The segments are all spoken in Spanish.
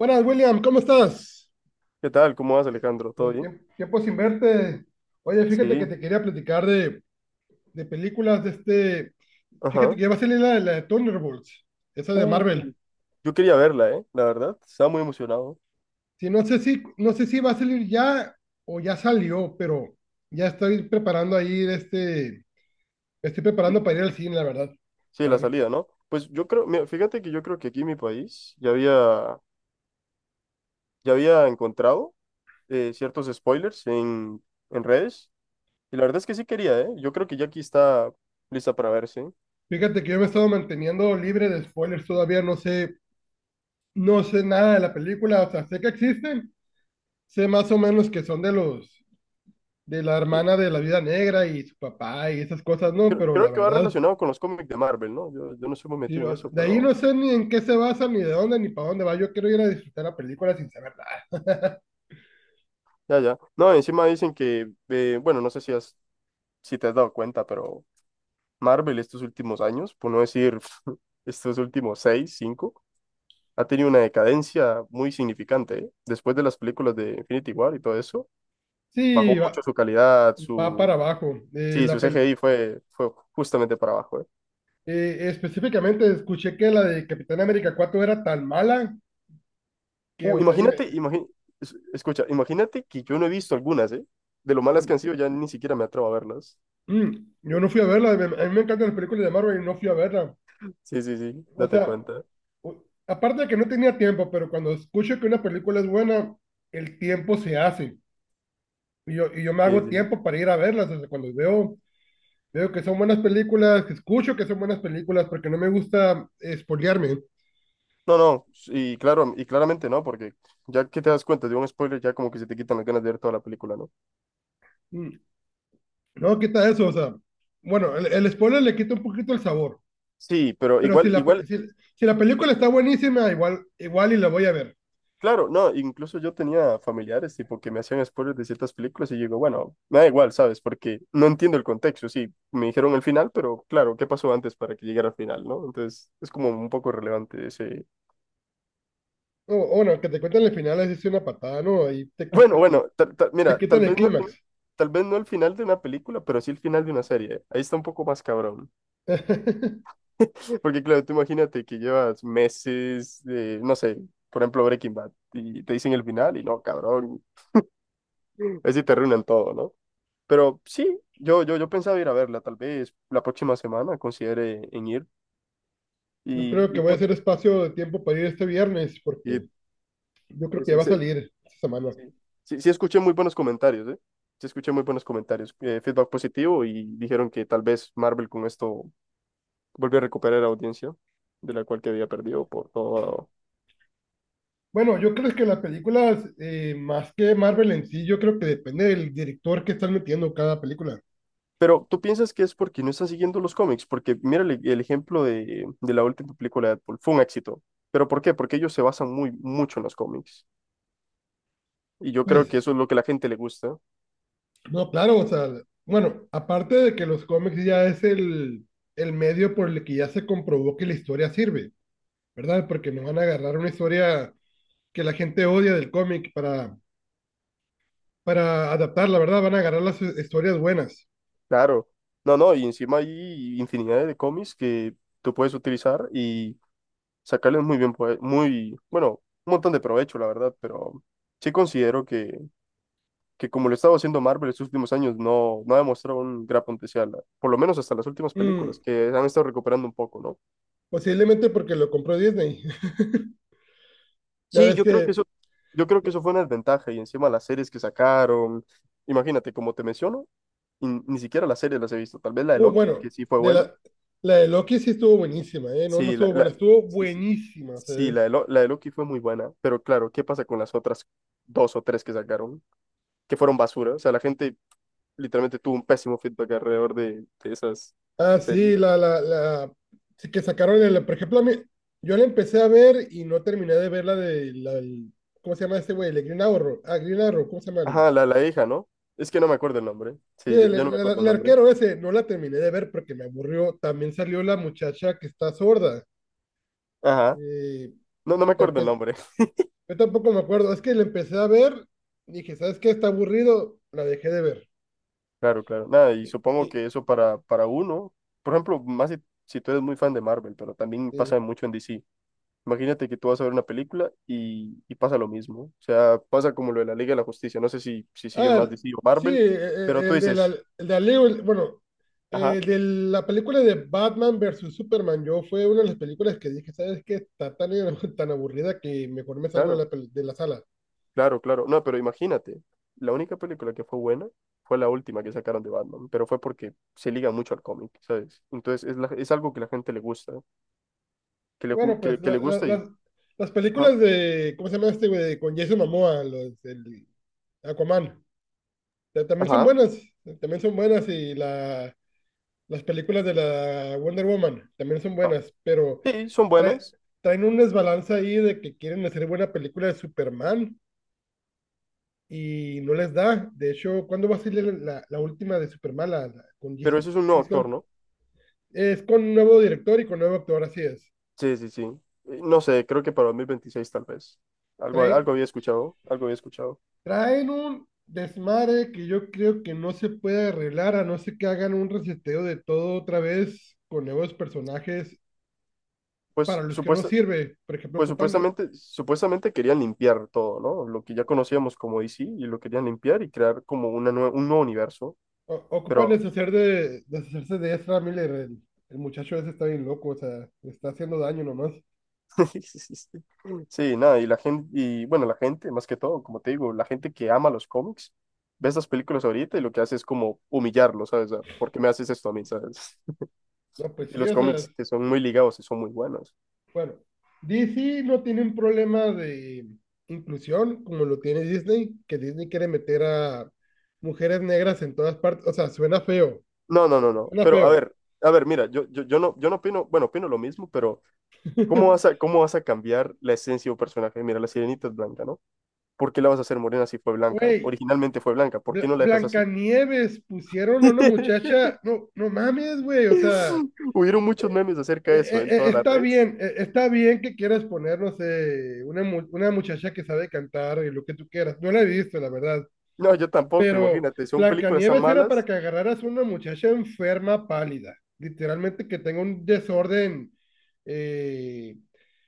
Buenas, William, ¿cómo estás? ¿Qué tal? ¿Cómo vas, Alejandro? ¿Todo bien? Tiempo sin verte. Oye, fíjate que Sí. te quería platicar de películas de este. Fíjate Ajá. que ya va a salir la de Thunderbolts, esa de Uh, Marvel. yo quería verla, ¿eh? La verdad. Estaba muy emocionado. Sí, no sé si va a salir ya o ya salió, pero ya estoy preparando ahí de. Me Estoy Sí, preparando para ir al cine, la verdad. sí, A la ver, salida, ¿no? Pues yo creo, mira, fíjate que yo creo que aquí en mi país ya había encontrado ciertos spoilers en redes. Y la verdad es que sí quería, ¿eh? Yo creo que ya aquí está lista para verse. fíjate que yo me he estado manteniendo libre de spoilers todavía, no sé, no sé nada de la película, o sea, sé que existen, sé más o menos que son de los de la Sí, hermana de la vida negra y su papá y esas cosas, no, creo, pero la creo que va verdad, relacionado con los cómics de Marvel, ¿no? Yo no soy muy metido en digo, eso, de ahí pero no sé ni en qué se basa, ni de dónde, ni para dónde va. Yo quiero ir a disfrutar la película sin saber nada. ya, ya. No, encima dicen que, bueno, no sé si, has, si te has dado cuenta, pero Marvel estos últimos años, por no decir estos últimos seis, cinco, ha tenido una decadencia muy significante, ¿eh? Después de las películas de Infinity War y todo eso, Sí, bajó mucho va, su calidad, va su... para abajo. Eh, Sí, la su pel- CGI fue justamente para abajo, ¿eh? Específicamente escuché que la de Capitán América 4 era tan mala que, Uh, o sea, imagínate, imagi- escucha, imagínate que yo no he visto algunas, ¿eh? De lo malas que han mm, sido, ya ni siquiera me atrevo a verlas. Yo no fui a verla. A mí me encantan las películas de Marvel y no fui a verla. Sí, sí, sí, O date sea, cuenta. Aparte de que no tenía tiempo, pero cuando escucho que una película es buena, el tiempo se hace. Y yo me Sí, hago sí. tiempo para ir a verlas. O sea, cuando veo, veo que son buenas películas, que escucho que son buenas películas, porque no me gusta espolearme. No, no, y claro, y claramente no, porque ya que te das cuenta de un spoiler, ya como que se te quitan las ganas de ver toda la película, ¿no? Mm, No, quita eso, o sea, bueno, el spoiler le quita un poquito el sabor, Sí, pero pero igual, igual, si la película está buenísima, igual, igual y la voy a ver. claro, no, incluso yo tenía familiares tipo que me hacían spoilers de ciertas películas y yo digo, bueno, me da igual, ¿sabes? Porque no entiendo el contexto, sí, me dijeron el final, pero claro, ¿qué pasó antes para que llegara al final, no? Entonces, es como un poco relevante ese... O no, que te cuenten el final es una patada, ¿no? Ahí te Bueno, quitan bueno, te mira, quitan el clímax. Tal vez no el final de una película, pero sí el final de una serie. Ahí está un poco más cabrón. Porque claro, tú imagínate que llevas meses de, no sé, por ejemplo, Breaking Bad y te dicen el final y no, cabrón, así te arruinan todo, ¿no? Pero sí, yo pensaba ir a verla, tal vez la próxima semana considere en ir. Yo Y, creo que y voy a que hacer espacio de tiempo para ir este viernes, y- porque yo creo sí, que ya sí, va a sí, salir esta semana. sí, sí, sí escuché muy buenos comentarios, ¿eh? Sí escuché muy buenos comentarios, feedback positivo y dijeron que tal vez Marvel con esto vuelve a recuperar la audiencia de la cual que había perdido por todo. Bueno, yo creo que las películas, más que Marvel en sí, yo creo que depende del director que están metiendo cada película. Pero tú piensas que es porque no están siguiendo los cómics, porque mira el ejemplo de la última película de Deadpool, fue un éxito. ¿Pero por qué? Porque ellos se basan muy mucho en los cómics. Y yo creo que eso Pues, es lo que a la gente le gusta. no, claro, o sea, bueno, aparte de que los cómics ya es el medio por el que ya se comprobó que la historia sirve, ¿verdad? Porque no van a agarrar una historia que la gente odia del cómic para adaptarla, ¿verdad? Van a agarrar las historias buenas. Claro, no, no, y encima hay infinidad de cómics que tú puedes utilizar y sacarles muy bien, pues, muy, bueno, un montón de provecho, la verdad, pero sí considero que como lo estaba haciendo Marvel estos últimos años, no, no ha demostrado un gran potencial, por lo menos hasta las últimas películas, Mm, que han estado recuperando un poco, ¿no? posiblemente porque lo compró Disney. Ya Sí, ves yo creo que que eso, yo creo que eso fue una desventaja y encima las series que sacaron, imagínate, como te menciono, y ni siquiera las series las he visto, tal vez la de Loki, que bueno, sí fue de buena, la de Loki sí estuvo buenísima, ¿eh? No, no sí, la, estuvo buena, la- estuvo sí, sí, buenísima. O sea, Sí, la de, Lo- la de Loki fue muy buena, pero claro, ¿qué pasa con las otras dos o tres que sacaron? Que fueron basura. O sea, la gente literalmente tuvo un pésimo feedback de esas Ah, sí, series. La sí que sacaron el, por ejemplo, a mí, yo la empecé a ver y no terminé de ver la de ¿cómo se llama este güey? El de Green Arrow, ah, Green Arrow, ¿cómo se llama? El, Ajá, la hija, ¿no? Es que no me acuerdo el nombre. sí, Sí, yo no me acuerdo el el nombre. arquero ese, no la terminé de ver porque me aburrió. También salió la muchacha que está sorda. Ajá. eh, No, no me pero acuerdo el pues, nombre. yo tampoco me acuerdo, es que la empecé a ver, dije, ¿sabes qué? Está aburrido, la dejé de ver. Claro, claro. Nada, y Y- supongo que eso para uno, por ejemplo, más si tú eres muy fan de Marvel, pero también pasa mucho en DC. Imagínate que tú vas a ver una película y pasa lo mismo. O sea, pasa como lo de la Liga de la Justicia. No sé si, si siguen más Ah, DC o sí, Marvel, pero tú el de la, dices, el de Aleo, bueno, ajá, el de la película de Batman versus Superman, yo fue una de las películas que dije, ¿sabes qué? Está tan, tan aburrida que mejor me salgo de claro, de la sala. claro, claro. No, pero imagínate, la única película que fue buena fue la última que sacaron de Batman, pero fue porque se liga mucho al cómic, ¿sabes? Entonces es, es algo que la gente le gusta, Bueno, pues que le gusta y, las ajá, películas de, ¿cómo se llama este güey? Con Jason Momoa, los, el Aquaman, ta- también son ajá, buenas, también son buenas y la... Las películas de la Wonder Woman también son ah. buenas, pero Sí, son trae- buenas, traen un desbalance ahí de que quieren hacer buena película de Superman y no les da. De hecho, ¿cuándo va a salir la última de Superman con pero Jesse eso es un nuevo James actor, Gunn? ¿no? Es con un nuevo director y con nuevo actor, así es. Sí, sí, sí. No sé, creo que para 2026 tal vez. Algo, algo Traen, había escuchado, algo había escuchado. traen un desmadre que yo creo que no se puede arreglar a no ser que hagan un reseteo de todo otra vez con nuevos personajes para Pues, los que no supuesta, sirve. Por ejemplo, ocupan supuestamente querían limpiar todo, ¿no? Lo que ya conocíamos como DC y lo querían limpiar y crear como una un nuevo universo. Ocupan Pero deshacerse de Ezra Miller. El muchacho ese está bien loco, o sea, le está haciendo daño nomás. sí, nada, y la gente, y bueno, la gente, más que todo, como te digo, la gente que ama los cómics, ve estas películas ahorita y lo que hace es como humillarlo, ¿sabes? Ah, ¿por qué me haces esto a mí, ¿sabes? No, pues Y sí, los o sea, cómics que son muy ligados y son muy buenos. bueno, DC no tiene un problema de inclusión como lo tiene Disney, que Disney quiere meter a mujeres negras en todas partes. O sea, suena feo. No, no, no, no. Suena Pero feo. A ver, mira, yo no opino, bueno, opino lo mismo, pero ¿cómo vas a, cómo vas a cambiar la esencia de un personaje? Mira, la sirenita es blanca, ¿no? ¿Por qué la vas a hacer morena si fue blanca? Güey, Originalmente fue blanca, ¿por qué no la dejas así? Blancanieves pusieron a una muchacha. No, no mames, güey, o sea. Hubieron muchos memes acerca Eh, de eso eh, en todas las redes. Está bien que quieras poner, no sé, una muchacha que sabe cantar y lo que tú quieras. No la he visto, la verdad. No, yo tampoco, Pero imagínate, son películas tan Blancanieves era para malas, que agarraras una muchacha enferma, pálida. Literalmente que tenga un desorden eh,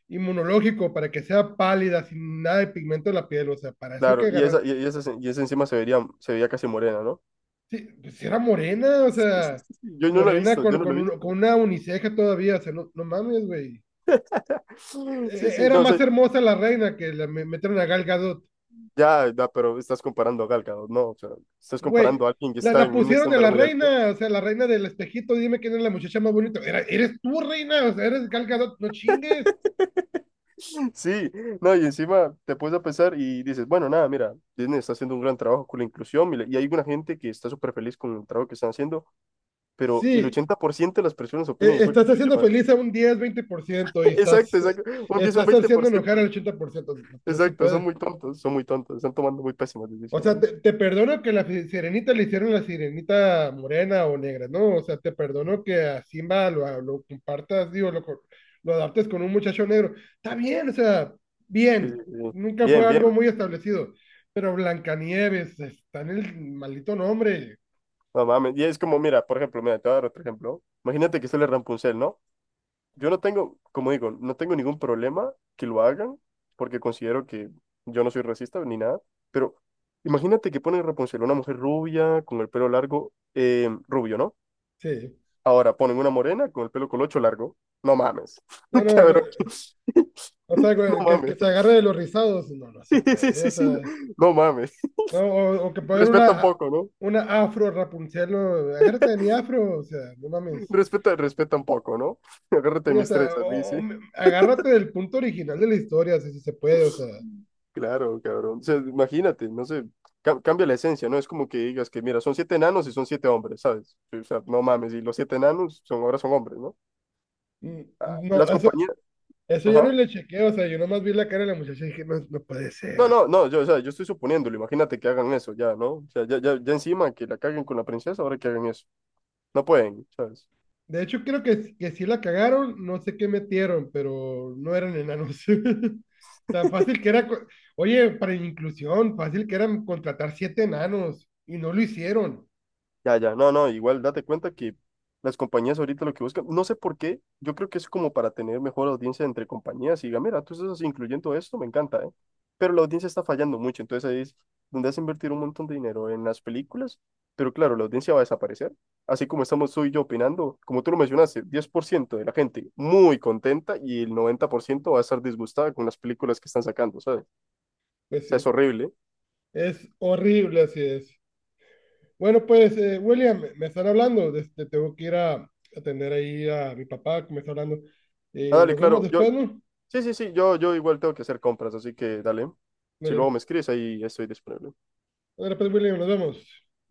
inmunológico para que sea pálida, sin nada de pigmento en la piel. O sea, para eso que claro, agarrar. Y esa encima se vería, se veía casi morena, ¿no? Sí, pues era morena, o sea, Yo no la he morena visto, yo no lo he visto. con una uniceja todavía. O sea, no, no mames, güey. Sí, sí, Era no más sé, hermosa la reina que la metieron a Gal Gadot. ya, ya, pero estás comparando a Gal Gadot, no, o sea, estás Güey, comparando a alguien que está la en un pusieron a estándar la muy alto. reina, o sea, la reina del espejito, dime quién es la muchacha más bonita. Eres tú, reina, o sea, eres Gal Gadot, no chingues. Sí, no, y encima te puedes a pensar y dices, bueno, nada, mira, Disney está haciendo un gran trabajo con la inclusión mira, y hay una gente que está súper feliz con el trabajo que están haciendo, pero el Sí, 80% de las personas opinan igual estás que haciendo yo. feliz a un 10 20% y Exacto, estás, exacto, un 10 un estás haciendo enojar 20%, al ¿eh? 80%. No se Exacto, puede. Son muy tontos, están tomando muy pésimas O sea, decisiones. Te perdono que la sirenita le hicieron la sirenita morena o negra, ¿no? O sea, te perdono que a Simba lo compartas, digo, lo adaptes con un muchacho negro. Está bien, o sea, Sí, sí, bien. sí, sí. Nunca fue Bien, algo bien, muy establecido. Pero Blancanieves, está en el maldito nombre. no mames, y es como, mira, por ejemplo, mira, te voy a dar otro ejemplo, imagínate que sale Rampuncel, ¿no? Yo no tengo, como digo, no tengo ningún problema que lo hagan, porque considero que yo no soy racista ni nada, pero imagínate que ponen Rapunzel, una mujer rubia con el pelo largo, rubio, ¿no? Sí. Ahora ponen una morena con el pelo colocho largo. No mames, No, no, no, cabrón. o sea, No güey, que mames. se agarre de los rizados. No, no se Sí, sí, puede, sí, o sí no, sea. no mames. No, o que pongan Respeta un poco, ¿no? una afro Rapunzel, no, agárrate de mi afro, o sea, no mames. Respeta, respeta un poco, ¿no? Agárrate de Sí, o mis sea, trenzas, Lizzy. agárrate del punto original de la historia, o sea, si se puede, o sea. Claro, cabrón. O sea, imagínate, no sé, cambia la esencia, ¿no? Es como que digas que, mira, son siete enanos y son siete hombres, ¿sabes? Sí, o sea, no mames, y los siete enanos son, ahora son hombres, ¿no? No, Las compañías, eso ya no ajá. le chequeé, o sea, yo nomás vi la cara de la muchacha y dije, no, no puede ser, No, o sea. no, no, yo, o sea, yo estoy suponiéndolo, imagínate que hagan eso ya, ¿no? O sea, ya, ya, ya encima que la caguen con la princesa, ahora que hagan eso. No pueden, ¿sabes? De hecho, creo que sí la cagaron, no sé qué metieron, pero no eran enanos. Tan fácil que era, oye, para inclusión, fácil que era contratar 7 enanos y no lo hicieron. Ya, ya, no, no, igual date cuenta que las compañías ahorita lo que buscan, no sé por qué, yo creo que es como para tener mejor audiencia entre compañías y diga, mira, tú estás incluyendo esto, me encanta, ¿eh? Pero la audiencia está fallando mucho, entonces ahí es donde has invertido un montón de dinero en las películas, pero claro, la audiencia va a desaparecer, así como estamos tú y yo opinando, como tú lo mencionaste, 10% de la gente muy contenta y el 90% va a estar disgustada con las películas que están sacando, ¿sabes? O Pues sea, es sí, horrible. es horrible, así es. Bueno, pues, William, me están hablando. Tengo que ir a atender ahí a mi papá que me está hablando. Ah, dale, Nos vemos claro, yo, después, ¿no? sí, sí, sí, yo igual tengo que hacer compras, así que dale. Si luego Dale, me escribes, ahí estoy disponible. dale, pues, William, nos vemos.